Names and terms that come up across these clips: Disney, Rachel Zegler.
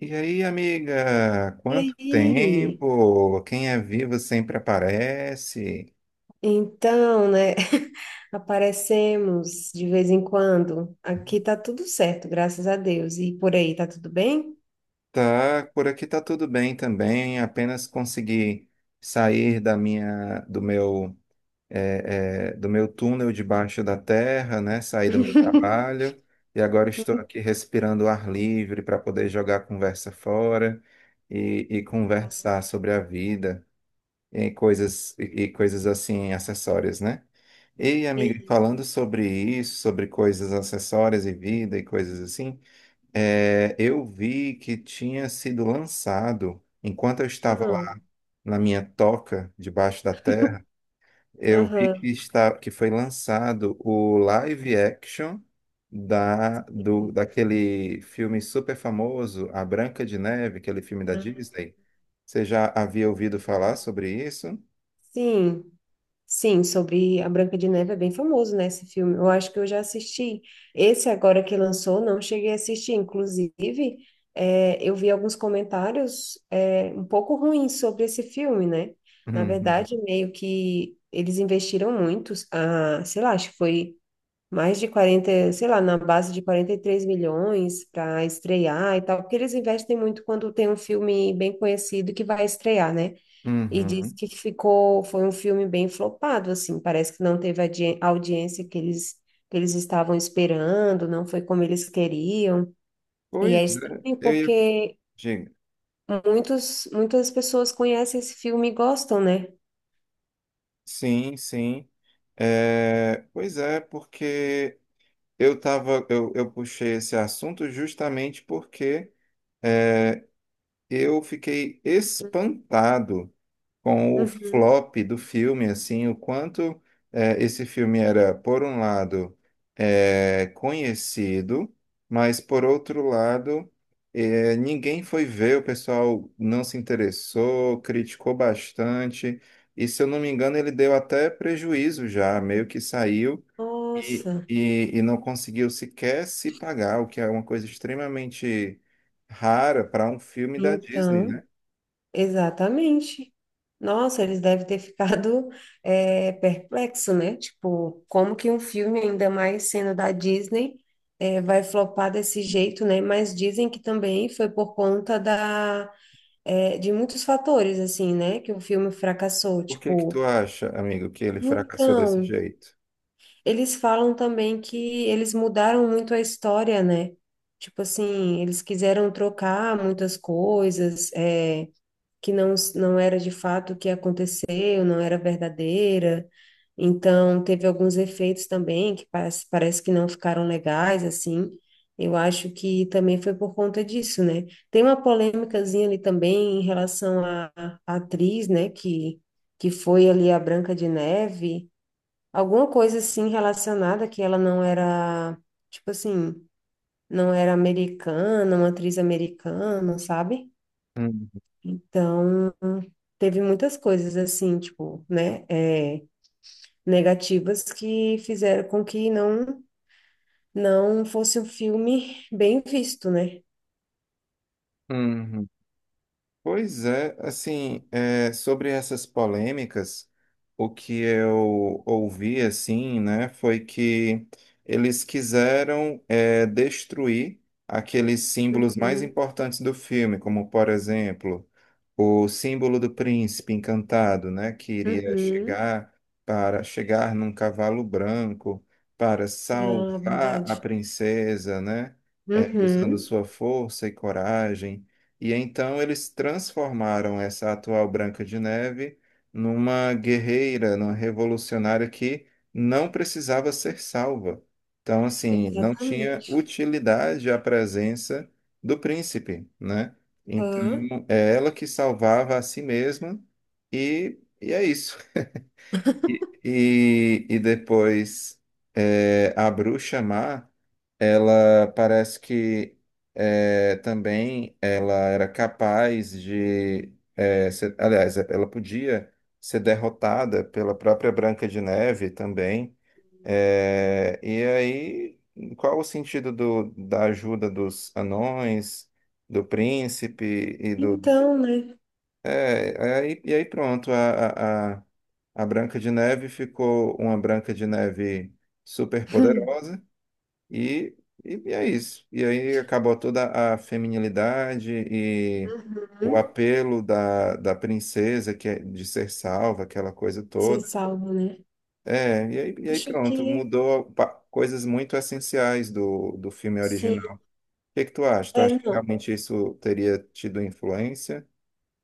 E aí, amiga, E quanto aí? tempo? Quem é vivo sempre aparece. Então, né? Aparecemos de vez em quando. Aqui tá tudo certo, graças a Deus. E por aí, tá tudo bem? Tá, por aqui tá tudo bem também. Apenas consegui sair da minha, do meu, é, é, do meu túnel debaixo da terra, né? Sair do meu trabalho e agora estou aqui respirando ar livre para poder jogar a conversa fora e conversar sobre a vida. E coisas assim acessórias, né? E amiga, Isso. falando sobre isso, sobre coisas acessórias e vida e coisas assim, eu vi que tinha sido lançado, enquanto eu estava Ah, lá na minha toca debaixo da terra, eu vi aham. que está que foi lançado o live action da do daquele filme super famoso, A Branca de Neve, aquele filme da Ah, Disney. Você já havia ouvido falar aham. sobre isso? Sim. Sim, sobre a Branca de Neve é bem famoso, né, esse filme. Eu acho que eu já assisti. Esse agora que lançou, não cheguei a assistir. Inclusive, eu vi alguns comentários, um pouco ruins sobre esse filme, né? Na verdade, Uhum. meio que eles investiram muito, ah, sei lá, acho que foi mais de 40 sei lá, na base de 43 milhões para estrear e tal, porque eles investem muito quando tem um filme bem conhecido que vai estrear, né? E diz Uhum. que foi um filme bem flopado, assim, parece que não teve a audiência que eles estavam esperando, não foi como eles queriam. E Pois é é, estranho eu ia... porque Diga. Muitas pessoas conhecem esse filme e gostam, né? Sim, sim. É, pois é, porque eu puxei esse assunto justamente porque é, eu fiquei espantado com o Uhum. flop do filme, assim, o quanto esse filme era, por um lado, conhecido, mas por outro lado, ninguém foi ver, o pessoal não se interessou, criticou bastante, e se eu não me engano, ele deu até prejuízo já, meio que saiu e, Nossa, e, e não conseguiu sequer se pagar, o que é uma coisa extremamente rara para um filme da Disney, então. né? Exatamente. Nossa, eles devem ter ficado perplexo, né? Tipo, como que um filme, ainda mais sendo da Disney, vai flopar desse jeito, né? Mas dizem que também foi por conta da, de muitos fatores, assim, né? Que o filme fracassou. Por que que Tipo, tu acha, amigo, que ele fracassou desse então, jeito? eles falam também que eles mudaram muito a história, né? Tipo assim, eles quiseram trocar muitas coisas, que não, não era de fato o que aconteceu, não era verdadeira. Então, teve alguns efeitos também parece que não ficaram legais, assim. Eu acho que também foi por conta disso, né? Tem uma polêmicazinha ali também em relação à atriz, né, que foi ali a Branca de Neve, alguma coisa assim relacionada que ela não era, tipo assim, não era americana, uma atriz americana, sabe? Uhum. Então, teve muitas coisas assim, tipo, né, negativas que fizeram com que não fosse um filme bem visto, né? Uhum. Pois é, assim, é, sobre essas polêmicas, o que eu ouvi, assim, né, foi que eles quiseram, é, destruir aqueles símbolos mais Uhum, importantes do filme, como, por exemplo, o símbolo do príncipe encantado, né, que iria uhum, chegar para chegar num cavalo branco para ah, salvar a verdade. princesa, né, é, usando Uhum, sua força e coragem. E então eles transformaram essa atual Branca de Neve numa guerreira, numa revolucionária que não precisava ser salva. Então, assim, não tinha exatamente. utilidade a presença do príncipe, né? Então, Hã? é ela que salvava a si mesma e é isso. E depois é, a bruxa má, ela parece que é, também ela era capaz de, é, aliás, ela podia ser derrotada pela própria Branca de Neve também. É, e aí, qual o sentido da ajuda dos anões, do príncipe Então, né? é, aí, e aí pronto, a Branca de Neve ficou uma Branca de Neve super poderosa e, e é isso. E aí acabou toda a feminilidade e o Uhum, apelo da princesa que é de ser salva, aquela coisa ser toda. salvo, né? É, e aí Acho pronto, que coisas muito essenciais do filme sim. original. O que que tu acha? Tu É, acha que não. realmente isso teria tido influência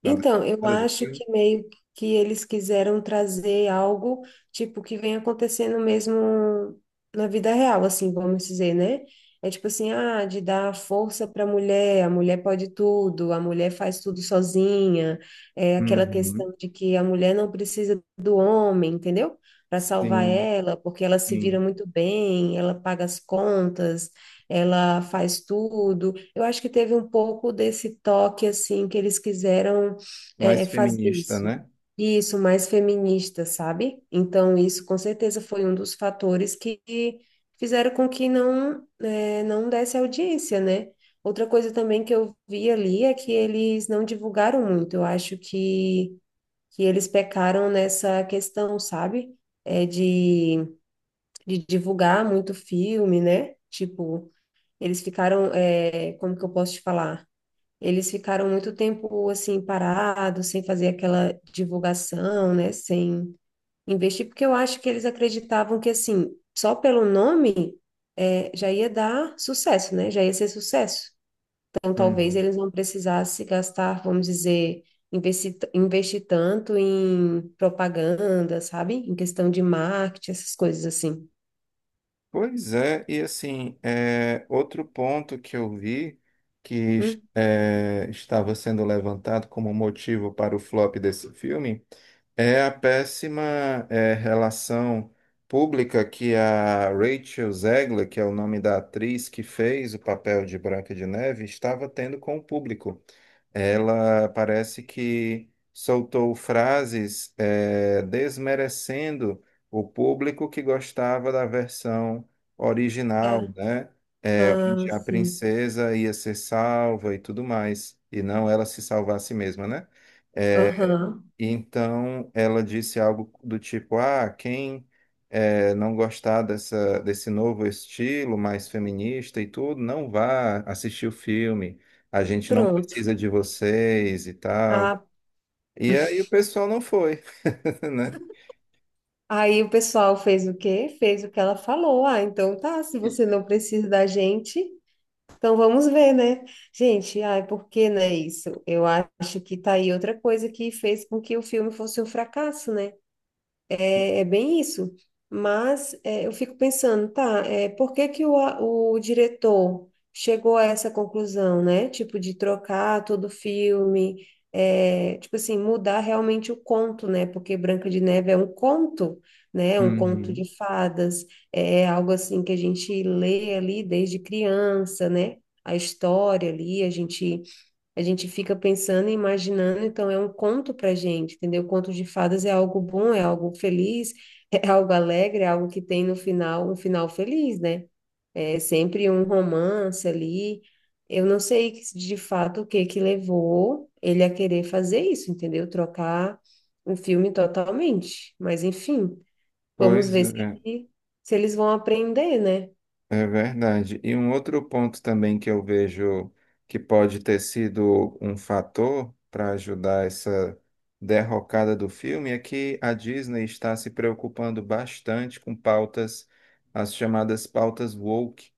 na Então, eu nada do acho filme? que meio que eles quiseram trazer algo tipo que vem acontecendo mesmo na vida real, assim, vamos dizer, né? É tipo assim, ah, de dar força para a mulher pode tudo, a mulher faz tudo sozinha, é aquela Uhum. questão de que a mulher não precisa do homem, entendeu? Para salvar Sim, ela, porque ela se vira sim. muito bem, ela paga as contas, ela faz tudo. Eu acho que teve um pouco desse toque assim que eles quiseram Mais fazer feminista, isso. né? Isso, mais feminista, sabe? Então, isso com certeza foi um dos fatores que fizeram com que não, não desse audiência, né? Outra coisa também que eu vi ali é que eles não divulgaram muito. Eu acho que eles pecaram nessa questão, sabe? É de divulgar muito filme, né? Tipo, eles ficaram, como que eu posso te falar? Eles ficaram muito tempo assim parados, sem fazer aquela divulgação, né, sem investir, porque eu acho que eles acreditavam que assim, só pelo nome já ia dar sucesso, né? Já ia ser sucesso. Então talvez Uhum. eles não precisassem gastar, vamos dizer, investir, investir tanto em propaganda, sabe? Em questão de marketing, essas coisas assim. Pois é, e assim, é, outro ponto que eu vi que Hum, é, estava sendo levantado como motivo para o flop desse filme é a péssima é, relação pública que a Rachel Zegler, que é o nome da atriz que fez o papel de Branca de Neve, estava tendo com o público. Ela parece que soltou frases desmerecendo o público que gostava da versão original, tá. né? Ah, Onde a sim. princesa ia ser salva e tudo mais, e não ela se salvar a si mesma, né? Aham. Então, ela disse algo do tipo: Ah, quem não gostar desse novo estilo mais feminista e tudo, não vá assistir o filme. A gente não Pronto. precisa de vocês e tal. Ah, E aí o pessoal não foi, né? aí o pessoal fez o quê? Fez o que ela falou. Ah, então tá, se você não precisa da gente, então vamos ver, né? Gente, ai, por que não é isso? Eu acho que tá aí outra coisa que fez com que o filme fosse um fracasso, né? É, é bem isso. Mas é, eu fico pensando, tá, por que que o diretor chegou a essa conclusão, né? Tipo, de trocar todo o filme, tipo assim, mudar realmente o conto, né? Porque Branca de Neve é um conto, né? É um conto Uhum. de fadas, é algo assim que a gente lê ali desde criança, né? A história ali, a gente fica pensando e imaginando, então é um conto para gente, entendeu? Conto de fadas é algo bom, é algo feliz, é algo alegre, é algo que tem no final um final feliz, né? É sempre um romance ali. Eu não sei de fato o que que levou ele a querer fazer isso, entendeu? Trocar o filme totalmente. Mas enfim, vamos Pois ver se, é. ele- se eles vão aprender, né? É verdade. E um outro ponto também que eu vejo que pode ter sido um fator para ajudar essa derrocada do filme é que a Disney está se preocupando bastante com pautas, as chamadas pautas woke.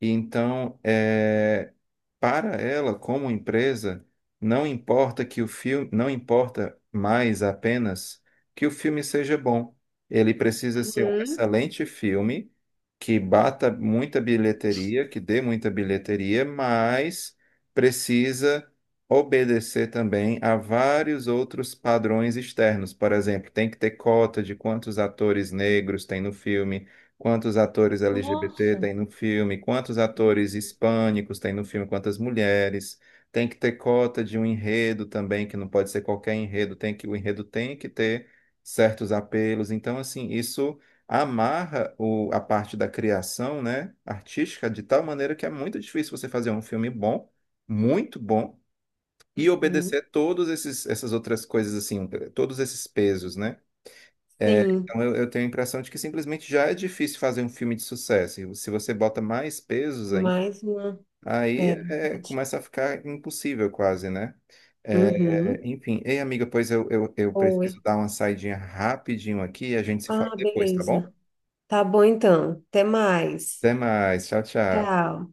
E então, para ela, como empresa, não importa que o filme, não importa mais apenas que o filme seja bom. Ele precisa ser um Uhum. excelente filme que bata muita bilheteria, que dê muita bilheteria, mas precisa obedecer também a vários outros padrões externos. Por exemplo, tem que ter cota de quantos atores negros tem no filme, quantos atores LGBT Nossa. tem no filme? Quantos atores hispânicos tem no filme? Quantas mulheres? Tem que ter cota de um enredo também, que não pode ser qualquer enredo, tem que o enredo tem que ter certos apelos. Então, assim, isso amarra a parte da criação, né, artística de tal maneira que é muito difícil você fazer um filme bom, muito bom, e Uhum. obedecer todos esses essas outras coisas assim, todos esses pesos, né? É, Sim, então, eu tenho a impressão de que simplesmente já é difícil fazer um filme de sucesso. E se você bota mais pesos ainda, mais uma. aí É, é, verdade. começa a ficar impossível quase, né? Uhum. É, enfim, ei, amiga, pois eu Oi. preciso dar uma saidinha rapidinho aqui e a gente se fala Ah, depois, tá bom? beleza. Tá bom então. Até mais. Até mais, tchau, tchau. Tchau.